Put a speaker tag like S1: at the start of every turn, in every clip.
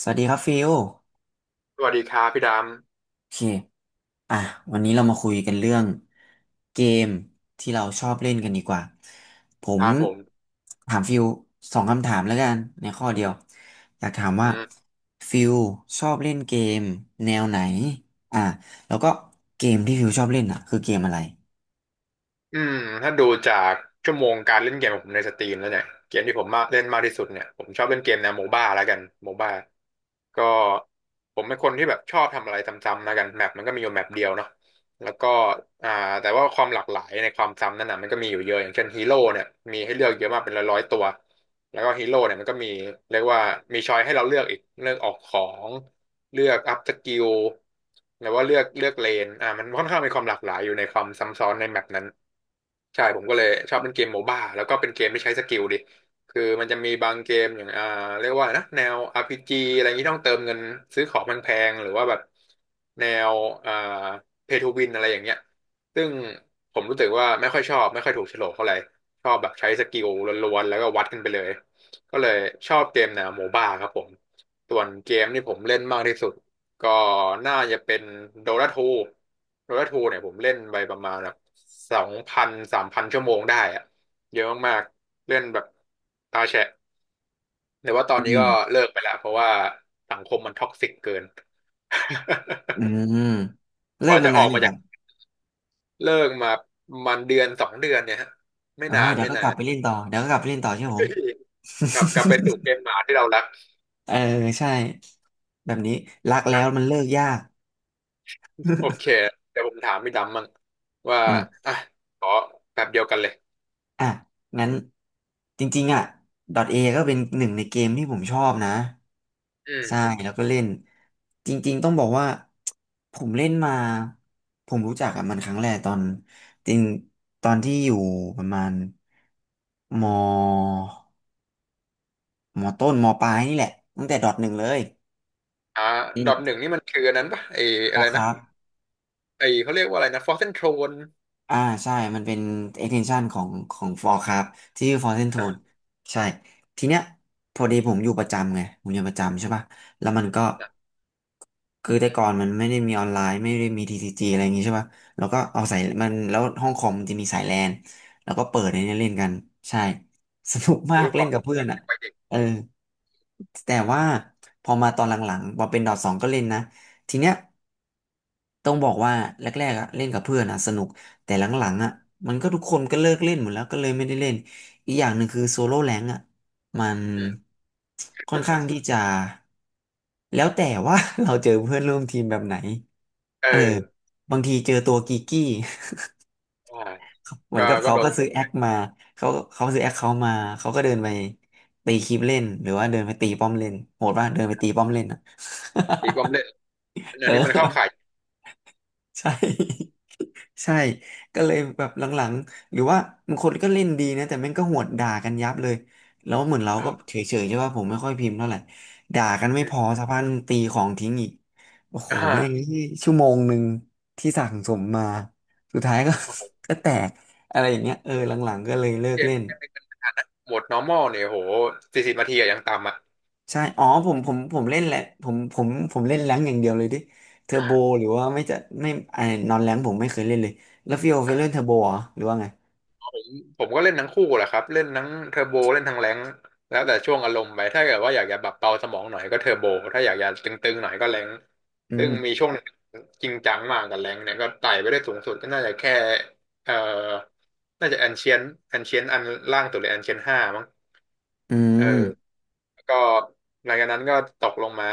S1: สวัสดีครับฟิล
S2: สวัสดีครับพี่ด
S1: โอเคอ่ะวันนี้เรามาคุยกันเรื่องเกมที่เราชอบเล่นกันดีกว่าผ
S2: ำค
S1: ม
S2: รับผม
S1: ถามฟิลสองคำถามแล้วกันในข้อเดียวอยากถาม
S2: อื
S1: ว่า
S2: ม
S1: ฟิลชอบเล่นเกมแนวไหนอ่ะแล้วก็เกมที่ฟิลชอบเล่นคือเกมอะไร
S2: อืมถ้าดูจากชั่วโมงการเล่นเกมของผมในสตรีมแล้วเนี่ยเกมที่ผมมาเล่นมากที่สุดเนี่ยผมชอบเล่นเกมแนวโมบ้าแล้วกันโมบ้าก็ผมเป็นคนที่แบบชอบทำอะไรซ้ำๆแล้วกันแมปมันก็มีอยู่แมปเดียวเนาะแล้วก็อ่าแต่ว่าความหลากหลายในความซ้ำนั่นน่ะมันก็มีอยู่เยอะอย่างเช่นฮีโร่เนี่ยมีให้เลือกเยอะมากเป็นร้อยๆตัวแล้วก็ฮีโร่เนี่ยมันก็มีเรียกว่ามีช้อยให้เราเลือกอีกเลือกออกของเลือกอัพสกิลหรือว่าเลือกเลนมันค่อนข้างมีความหลากหลายอยู่ในความซ้ำซ้อนในแมปนั้น ใช่ผมก็เลยชอบเล่นเกมโมบ้าแล้วก็เป็นเกมที่ใช้สกิลดิคือมันจะมีบางเกมอย่างเรียกว่านะแนว RPG อะไรอย่างนี้ต้องเติมเงินซื้อของแพงๆหรือว่าแบบแนวอ่าเพย์ทูวินอะไรอย่างเงี้ยซึ่งผมรู้สึกว่าไม่ค่อยชอบไม่ค่อยถูกโฉลกเท่าไหร่ชอบแบบใช้สกิลล้วนๆแล้วก็วัดกันไปเลยก็เลยชอบเกมแนวโมบ้าครับผมส่วนเกมที่ผมเล่นมากที่สุด ก็น่าจะเป็นโดราทูโดราทูเนี่ยผมเล่นไปประมาณแบบ2,000 3,000ชั่วโมงได้อะเยอะมากๆเล่นแบบตาแฉะแต่ว่าตอน
S1: อื
S2: นี้
S1: ม
S2: ก็เลิกไปแล้วเพราะว่าสังคมมันท็อกซิกเกิน
S1: อื มเลิ
S2: ก
S1: ก
S2: ว่า
S1: มา
S2: จะ
S1: น
S2: อ
S1: นา
S2: อ
S1: น
S2: ก
S1: อย่า
S2: มา
S1: งค
S2: จา
S1: รั
S2: ก
S1: บ
S2: เลิกมามันเดือนสองเดือนเนี่ยฮะไม่
S1: โอ้
S2: นา
S1: ย
S2: น
S1: เดี๋ย
S2: ไม่
S1: วก็
S2: นา
S1: กลับ
S2: น
S1: ไปเล่นต่อเดี๋ยวก็กลับไปเล่นต่อใช่ไหมผม
S2: กลับไปสู่เก มหมาที่เรารัก
S1: เออใช่แบบนี้รักแล้วมันเลิกยาก
S2: โอเคเดี๋ยวผมถามพี่ดำมั่งว่า
S1: อ่ะ
S2: อ่ะขอแบบเดียวกันเลย
S1: อ่ะงั้นจริงๆd A ก็เป็นหนึ่งในเกมที่ผมชอบนะ
S2: อื
S1: ใช่
S2: ม
S1: แล้วก็เล่นจริงๆต้องบอกว่าผมเล่นมาผมรู้จักกับมันครั้งแรกตอนจริงตอนที่อยู่ประมาณมมต้นมปลายนี่แหละตั้งแต่ดอทหนึ่งเลย
S2: อ่า
S1: อื
S2: ดอทห
S1: ม
S2: นึ่งนี่มันคืออันนั้นปะไอ
S1: พ
S2: อะ
S1: อ
S2: ไร
S1: ค
S2: นะ
S1: รับ
S2: ไอเขาเรียกว่าอะไรนะฟอสเซนโทรน
S1: อ่าใช่ มันเป็น extension ของของ Forecraft ที่ชื่อ Frozen
S2: นะ
S1: Throne ใช่ทีเนี้ยพอดีผมอยู่ประจำไงผมอยู่ประจำใช่ป่ะแล้วมันก็
S2: นะ
S1: คือแต่ก่อนมันไม่ได้มีออนไลน์ไม่ได้มี TCG อะไรอย่างงี้ใช่ป่ะแล้วก็เอาสายมันแล้วห้องคอมมันจะมีสายแลนแล้วก็เปิดในเนี้ยเล่นกันใช่ สนุกมา
S2: โอ้
S1: ก
S2: ยค
S1: เล่
S2: วา
S1: น
S2: มไ
S1: กับเพื่อน
S2: ปเด็ก
S1: เออแต่ว่าพอมาตอนหลังๆพอเป็นดอทสองก็เล่นนะทีเนี้ย ต้องบอกว่าแรกๆเล่นกับเพื่อนสนุกแต่หลังๆมันก็ทุกคนก็เลิกเล่นหมดแล้วก็เลยไม่ได้เล่นอีกอย่างหนึ่งคือโซโล่แรงมัน
S2: อืม
S1: ค่อนข้างที่จะแล้วแต่ว่า เราเจอเพื่อนร่วมทีมแบบไหน
S2: เอ
S1: เออ
S2: อ
S1: บางทีเจอตัวกีกี้
S2: อ่า
S1: เหมือ
S2: ก็
S1: นกับ
S2: ก็
S1: เขา
S2: โด
S1: ก็
S2: น
S1: ซื้อแอคมาเขาเขาซื้อแอคเขามาเขาก็เดินไปตีคลิปเล่นหรือว่าเดินไปตีป้อมเล่นโหดป่ะเดินไปตีป้อมเล่น
S2: ตีบอมเละ อัน
S1: เอ
S2: นี้มันเข้าข่าย
S1: อใช่ ใช่ก็เลยแบบหลังๆหรือว่าบางคนก็เล่นดีนะแต่แม่งก็หวดด่ากันยับเลยแล้วเหมือนเรา
S2: ค
S1: ก็
S2: รับ
S1: เฉยๆใช่ป่ะผมไม่ค่อยพิมพ์เท่าไหร่ด่ากัน
S2: อื
S1: ไม่พ
S2: ม
S1: อสักพักตีของทิ้งอีกโอ้โห
S2: อ่า
S1: แม่งชั่วโมงหนึ่งที่สั่งสมมาสุดท้ายก็
S2: โอ้โห
S1: ก็แตกอะไรอย่างเงี้ยเออหลังๆก็เลยเลิก
S2: เกม
S1: เล่น
S2: เกมในขนาดนั้นโหมด normal เนี่ยโห40นาทีอะยังต่ำอะ
S1: ใช่อ๋อผมเล่นแหละผมเล่นแรงค์อย่างเดียวเลยดิเทอร์โบหรือว่าไม่จะไม่ไอ้นอนแรงค์ผมไม่เคยเล่นเลยแล้วฟิโอเคยเล่นเทอร์โบเหรอหรือว่าไง
S2: ผมก็เล่นทั้งคู่แหละครับเล่นทั้งเทอร์โบเล่นทั้งแรงค์แล้วแต่ช่วงอารมณ์ไปถ้าเกิดว่าอยากจะแบบเบาสมองหน่อยก็เทอร์โบถ้าอยากจะตึงๆหน่อยก็แรงค์
S1: อื
S2: ซึ่งมี
S1: ม
S2: ช่วงหนึ่งจริงจังมากกับแรงค์เนี่ยก็ไต่ไปได้สูงสุดก็น่าจะแค่เอ่อน่าจะแอนเชียนแอนเชียนอันล่างสุดเลยแอนเชียนห้ามั้ง
S1: อื
S2: เออ
S1: ม
S2: แล้วก็หลังจากนั้นก็ตกลงมา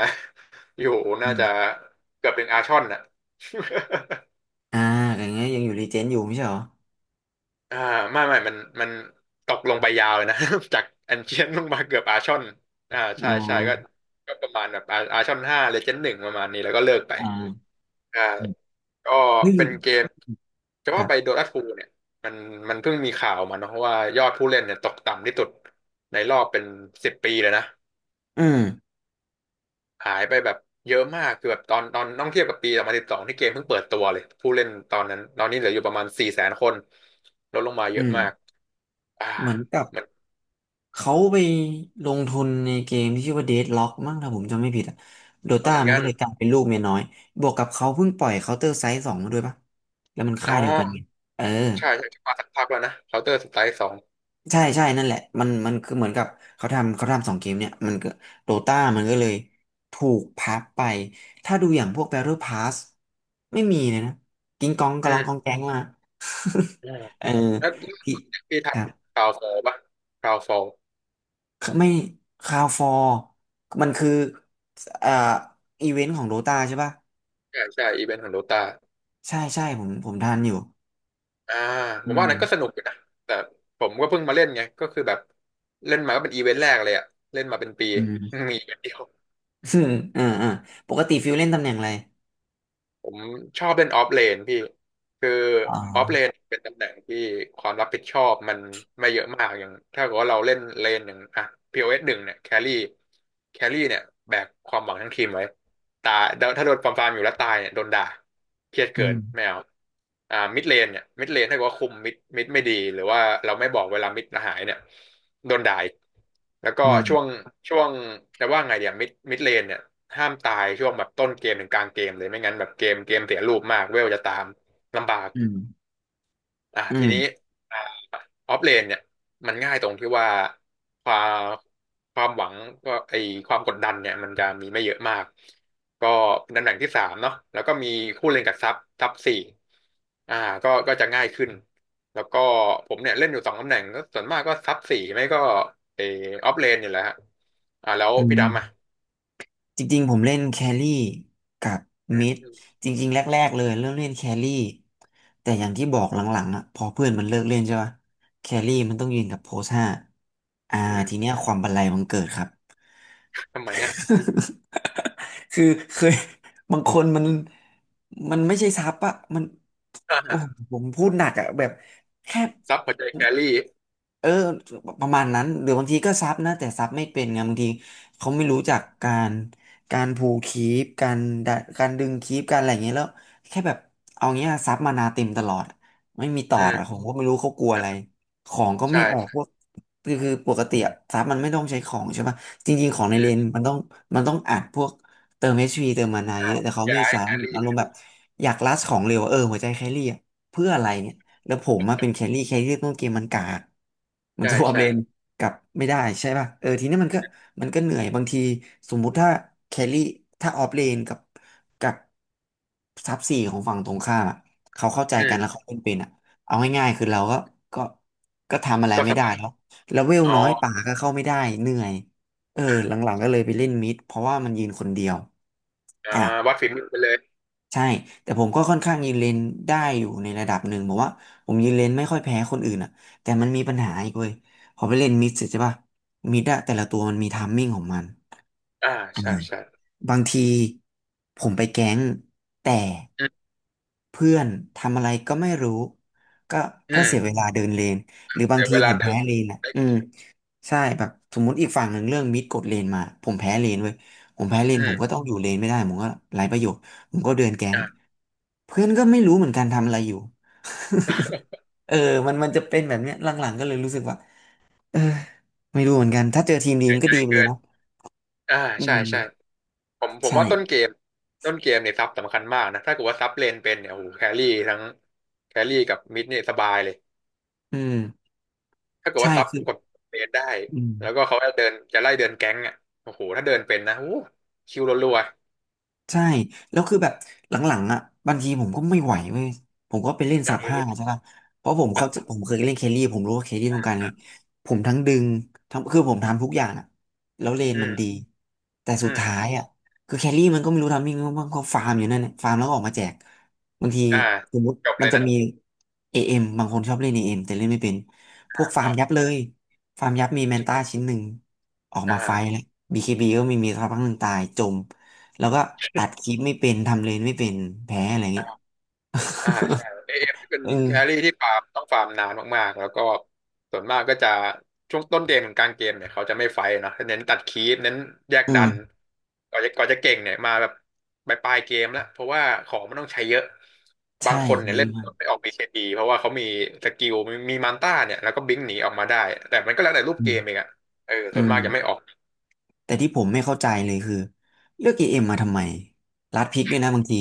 S2: อยู่
S1: อื
S2: น่าจะ
S1: ม
S2: เกือบถึงอาชอนน่ะ
S1: อ่าอย่างเงี้ยยังอยู่รีเจนอยู่ไม่ใช่เหรอ
S2: อ่าไม่มันตกลงไปยาวเลยนะ จากแอนเชียนลงมาเกือบอาร์ชอนอ่า
S1: อ๋
S2: ใช่
S1: อ
S2: ใช่ก็ก็ประมาณแบบอาอาร์ชอน5 เลเจนด์ 1ประมาณนี้แล้วก็เลิกไป
S1: อ่า
S2: ใช่
S1: อืม
S2: ก็
S1: เฮ้ย
S2: เป็นเกมจะ
S1: ค
S2: ว่า
S1: รั
S2: ไปโด
S1: บ
S2: ตาทูเนี่ยมันมันเพิ่งมีข่าวมาเนอะว่ายอดผู้เล่นเนี่ยตกต่ำที่สุดในรอบเป็นสิบปีเลยนะ
S1: อืม
S2: หายไปแบบเยอะมากคือแบบตอนต้องเทียบกับปี2012ที่เกมเพิ่งเปิดตัวเลยผู้เล่นตอนนั้นตอนนี้เหลืออยู่ประมาณ400,000คนลดลงมาเย
S1: อื
S2: อะมาก
S1: ม
S2: อ่า
S1: เหมือนกับ
S2: มัน
S1: เขาไปลงทุนในเกมที่ชื่อว่า Deadlock มั้งถ้าผมจำไม่ผิดโด
S2: มา
S1: ต้า
S2: เหมือน
S1: มัน
S2: กั
S1: ก็
S2: น
S1: เลยกลายเป็นลูกเมียน้อยบวกกับเขาเพิ่งปล่อย Counter Strike สองมาด้วยปะแล้วมัน
S2: อ๋
S1: ค่ายเดียวกันไง
S2: อ
S1: เออ
S2: ใช่ใช่มาสักพักแล้วนะเคาน์เตอร์สไตล์สอง
S1: ใช่ใช่นั่นแหละมันคือเหมือนกับเขาทำสองเกมเนี่ยมันก็โดตามันก็เลยถูกพับไปถ้าดูอย่างพวก Battle Pass ไม่มีเลยนะกิ้งก้อง
S2: อื
S1: กะลองกอง
S2: ม
S1: แก๊งมา
S2: อืม
S1: เออ
S2: แล้วเรื่อง
S1: ที่
S2: จากปี
S1: ค
S2: ถัด
S1: รับ
S2: คราวโซลป่ะคราวโซล
S1: ไม่คาวฟอร์มันคือเอ่ออีเวนต์ของโดตาใช่ป่ะ
S2: ใช่ใช่อีเวนต์ของโดตา
S1: ใช่ใช่ผมทันอยู่
S2: อ่าผ
S1: อื
S2: มว่าอันนั้นก็ส
S1: ม
S2: นุกอยู่นะแต่ผมก็เพิ่งมาเล่นไงก็คือแบบเล่นมาก็เป็นอีเวนต์แรกเลยอะเล่นมาเป็นปี
S1: อืม
S2: มีอีเวนต์เดียว
S1: อืมอ่าปกติฟิวเล่นตำแหน่งอะไร
S2: ผมชอบเล่นออฟเลนพี่คือ
S1: อ๋อ
S2: ออฟเลนเป็นตำแหน่งที่ความรับผิดชอบมันไม่เยอะมากอย่างถ้าเกิดว่าเราเล่นเลนอย่างอ่ะพีโอเอสหนึ่งเนี่ยแครี่แครี่เนี่ยแบกความหวังทั้งทีมไว้ ตายถ้าโดนปรามปรามอยู่แล้วตายเนี่ยโดนด่า เครียด
S1: อื
S2: เกิน
S1: ม
S2: ไม่เอามิดเลนเนี่ยมิดเลนถ้าเกิดว่าคุมมิดไม่ดี หรือว่าเราไม่บอกเวลามิดหายเนี่ยโดนด่าอีกแล้วก็
S1: อื
S2: ช่วง
S1: ม
S2: ช่วงแต่ว่าไงเดี๋ยวมิดเลนเนี่ยห้ามตายช่วงแบบต้นเกมถึงกลางเกมเลยไม่งั้นแบบเกมเสียรูปมาก เวลจะตามลำบาก
S1: อืม
S2: อ่ะ
S1: อื
S2: ทีนี้
S1: ม
S2: ออฟเลนเนี่ยมันง่ายตรงที่ว่าความความหวังก็ไอความกดดันเนี่ยมันจะมีไม่เยอะมากก็เป็นตำแหน่งที่สามเนาะแล้วก็มีคู่เล่นกับซับสี่อ่าก็จะง่ายขึ้นแล้วก็ผมเนี่ยเล่นอยู่สองตำแหน่งก็ส่วนมากก็ซับสี่ไม่ก็ไอออฟเลนนี่แหละฮะแล้ว
S1: อื
S2: พี่ดำอ่ะ
S1: ม จริงๆผมเล่นแครี่กับ
S2: อืม
S1: มิด
S2: อืม
S1: จริงๆแรกๆเลยเริ่มเล่นแครี่แต่อย่างที่บอกหลังๆพอเพื่อนมันเลิกเล่นใช่ปะแครี่
S2: อื
S1: มันต้อง
S2: ม
S1: ยืนกับโพสห้าอ่า
S2: อื
S1: ทีเนี้ยค
S2: ม
S1: วามบันไลมันเกิดครับ
S2: ทำไมเนี่ย
S1: คือเคยบางคนมันมันไม่ใช่ซับมัน
S2: อ่
S1: โอ้โห
S2: า
S1: ผมพูดหนักแบบแค่
S2: ซับหัวใจแครี่
S1: เออประมาณนั้นหรือบางทีก็ซับนะแต่ซับไม่เป็นไงบางทีเขาไม่รู้จักการการพูลคีปการดะการดึงคีปการอะไรอย่างเงี้ยแล้วแค่แบบเอาเงี้ยซับมานาเต็มตลอดไม่มีต่อ
S2: อื
S1: ผ
S2: ม
S1: มก็ไม่รู้เขากลัวอะไรของก็ไม่ออก
S2: ใช่
S1: พวกคือคือปกติซับมันไม่ต้องใช้ของใช่ปะ จริงๆของใน
S2: อื
S1: เล
S2: ม
S1: นมันต้องมันต้องอัดพวกเติม h ีเติมมานาเย
S2: อ่า
S1: อะแต่เขาไม่
S2: ย้าย
S1: ใช้
S2: แค
S1: อารมณ์
S2: รี่
S1: แบบอยากลัดของเร็วเออหัวใจแครี่เพื่ออะไรเนี่ยแล้วผมมาเป็นแครี่แครี่ต้องเกมมันกากมัน
S2: ใช่
S1: สวอป
S2: ใช่
S1: เลนกลับไม่ได้ใช่ป่ะเออทีนี้มันก็มันก็เหนื่อยบางทีสมมุติถ้าแครี่ถ้าออฟเลนกับกับซับสี่ของฝั่งตรงข้ามเขาเข้าใจ
S2: อื
S1: กันแล้ว
S2: ม
S1: เขาเล่นเป็นเอาง่ายๆคือเราก็ก็ก็ทำอะไร
S2: ก็
S1: ไม่
S2: ส
S1: ได้
S2: บาย
S1: แล้วแล้วเวล
S2: อ๋อ
S1: น้อยป่าก็เข้าไม่ได้เหนื่อย เออหลังๆก็เลยไปเล่นมิดเพราะว่ามันยืนคนเดียว
S2: อ่า
S1: อ่ะ
S2: วัดฝีมือไปเลย
S1: ใช่แต่ผมก็ค่อนข้างยืนเลนได้อยู่ในระดับหนึ่งบอกว่าผมยืนเลนไม่ค่อยแพ้คนอื่นอ่ะแต่มันมีปัญหาอีกเว้ยพอไปเล่นมิดเสร็จใช่ป่ะมิดอะแต่ละตัวมันมีไทัมมิ่งของมัน
S2: อ่า
S1: อ่า
S2: ใช่ใช่
S1: บางทีผมไปแก๊งแต่
S2: อืม
S1: เพื่อนทำอะไรก็ไม่รู้ก็
S2: อื
S1: ก็
S2: ม
S1: เสียเวลาเดินเลนหรือบาง
S2: เดี๋ยว
S1: ที
S2: เว
S1: ผ
S2: ลา
S1: ม
S2: เดิ
S1: แพ้
S2: น
S1: เลนอ่ะ
S2: ได้
S1: อืม ใช่แบบสมมุติอีกฝั่งหนึ่งเรื่องมิดกดเลนมาผมแพ้เลนเว้ยผมแพ้เลน
S2: อื
S1: ผม
S2: ม
S1: ก็ต้องอยู่เลนไม่ได้ผมก็ไร้ประโยชน์ผมก็เดินแก๊ง
S2: อ่า
S1: เพื่อนก็ไม่รู้เหมือนกันทำอะไรอยู่ เออมันจะเป็นแบบเนี้ยหลังๆก็เลยรู้สึกว่าเออไม่รู้เหมือนกันถ้าเจอทีมดี
S2: ไม่
S1: มันก็ดีไปเล
S2: เกิ
S1: ย
S2: น
S1: เนาะ
S2: อ่า
S1: อื
S2: ใช่ใช่
S1: ม
S2: ผม
S1: ใช่
S2: ว่าต้นเกมต้นเกมเนี่ยซับสำคัญมากนะถ้าเกิดว่าซับเลนเป็นเนี่ยโอ้โหแครี่ทั้งแครี่กับมิดเนี่ยสบายเลย
S1: อืม
S2: ถ้าเกิด
S1: ใช่
S2: ว่าซับ
S1: คือ
S2: กับเลนได้
S1: อืม
S2: แล้วก็เขาจะเดินจะไล่เดินแก๊งอ่ะโอ้โหถ้าเดินเป็นนะโอ้โหคิวรัว
S1: ใช่แล้วคือแบบหลังๆอ่ะบางทีผมก็ไม่ไหวเว้ยผมก็ไปเล่นสับ
S2: ๆ
S1: ห้า
S2: เอ
S1: ใช่
S2: อ
S1: ป่ะเพราะผมเขาผมเคยเล่นเคลลี่ผมรู้ว่าเคลลี่ต้องการไงผมทั้งดึงทั้งคือผมทำทุกอย่างอ่ะแล้วเลน
S2: อื
S1: มันดี
S2: ม
S1: แต่สุ
S2: อื
S1: ด
S2: ม
S1: ท้ายอ่ะคือแคลรี่มันก็ไม่รู้ทำยังไงบ้างเขาฟาร์มอยู่นั่นแหละฟาร์มแล้วก็ออกมาแจกบางที
S2: อ่า
S1: สมมติ
S2: จบ
S1: มั
S2: เล
S1: น
S2: ย
S1: จะ
S2: นะ
S1: มีเอเอ็มบางคนชอบเล่นเอเอ็มแต่เล่นไม่เป็นพว
S2: อ่า
S1: กฟาร์ม
S2: อ่า
S1: ยับเลยฟาร์มยับมีแมนต้าชิ้
S2: ใช่
S1: นหนึ่งออก
S2: อ่
S1: มาไฟ
S2: า
S1: แล้วบีเคบีก็ไม่มีสักพักหนึ่งตายจม แล้วก็ตัดคลิปไม่เป็นทำเลนไม่เป็นแพ้อะไรเงี้ย
S2: ใช่เอเอ็มที่เป็น
S1: เอ
S2: แครี่
S1: อ
S2: ที่ฟาร์มต้องฟาร์มนานมากๆแล้วก็ส่วนมากก็จะช่วงต้นเกมถึงกลางเกมเนี่ยเขาจะไม่ไฟท์เนาะเน้นตัดคีปเน้นแยก
S1: อื
S2: ดัน
S1: ม
S2: ก่อนจะเก่งเนี่ยมาแบบปลายๆเกมแล้วเพราะว่าของมันต้องใช้เยอะบา
S1: ใช่
S2: งคนเนี่ย
S1: ใช่
S2: เล่น
S1: มาก
S2: ไม่ออกบีเคบีเพราะว่าเขามีสกิลมีมันต้าเนี่ยแล้วก็บิงหนีออกมาได้แต่มันก็แล้วแต่รูป
S1: อื
S2: เกมเอง
S1: ม
S2: อะเออ
S1: อื
S2: ส่วน
S1: ม
S2: มากจะไม่ออก
S1: แต่ที่ผมไม่เข้าใจเลยคือเลือกเอเอ็มมาทำไมรัดพริกด้วยนะบางที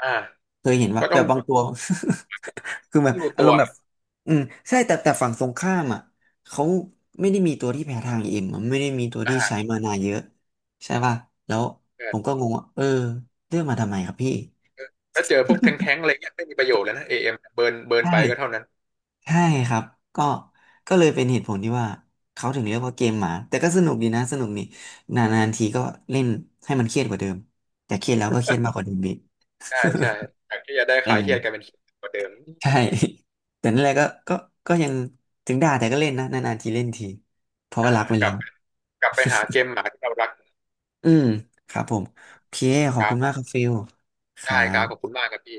S2: อ่า
S1: เคยเห็นว่า
S2: ก็
S1: แบ
S2: ต้อง
S1: บบางตัว คือแบบ
S2: ดู
S1: อา
S2: ตั
S1: รม
S2: ว
S1: ณ์แบบอืมใช่แต่ฝั่งตรงข้ามอ่ะเขาไม่ได้มีตัวที่แพ้ทาง EM อเอ็มอะไม่ได้มีตัวที่ใช้
S2: อ่า
S1: มานาเยอะใช่ป่ะแล้ว
S2: เอ
S1: ผ
S2: อ
S1: มก็งงว่าเออเลือกมาทำไมครับพี่
S2: เออถ้าเจอพวกแท้งๆอะไรเงี้ยไม่มีประโยชน์แล้วนะเอเอ็มเบิร์น
S1: ใช่
S2: ไปก็เท่านั้น
S1: ใช่ครับก็ก็เลยเป็นเหตุผลที่ว่าเขาถึงเรียกว่าเกมหมาแต่ก็สนุกดีนะสนุกนี่นานๆทีก็เล่นให้มันเครียดกว่าเดิมแต่เครียดแล้วก็เครียดมากกว่าเดิมอีก
S2: ใช่ใช่จากที่จะได้
S1: เออ
S2: ขายเครียดกลายเป็นเครียดกว่าเดิม
S1: ใช่ แต่นั่นแหละก็ยังถึงด่าแต่ก็เล่นนะนานๆทีเล่นทีเพราะ
S2: อ่า
S1: ว่ารักไป
S2: ก
S1: เล้
S2: ลั
S1: ย
S2: บ
S1: ง
S2: กลับไปหาเกมหมาที่เรารัก
S1: อืมครับผมโอเคขอ
S2: ค
S1: บ
S2: รั
S1: คุ
S2: บ
S1: ณ
S2: ผ
S1: มาก
S2: ม
S1: ครับฟิลครั
S2: ได้ครับขอบคุ
S1: บ
S2: ณมากครับพี่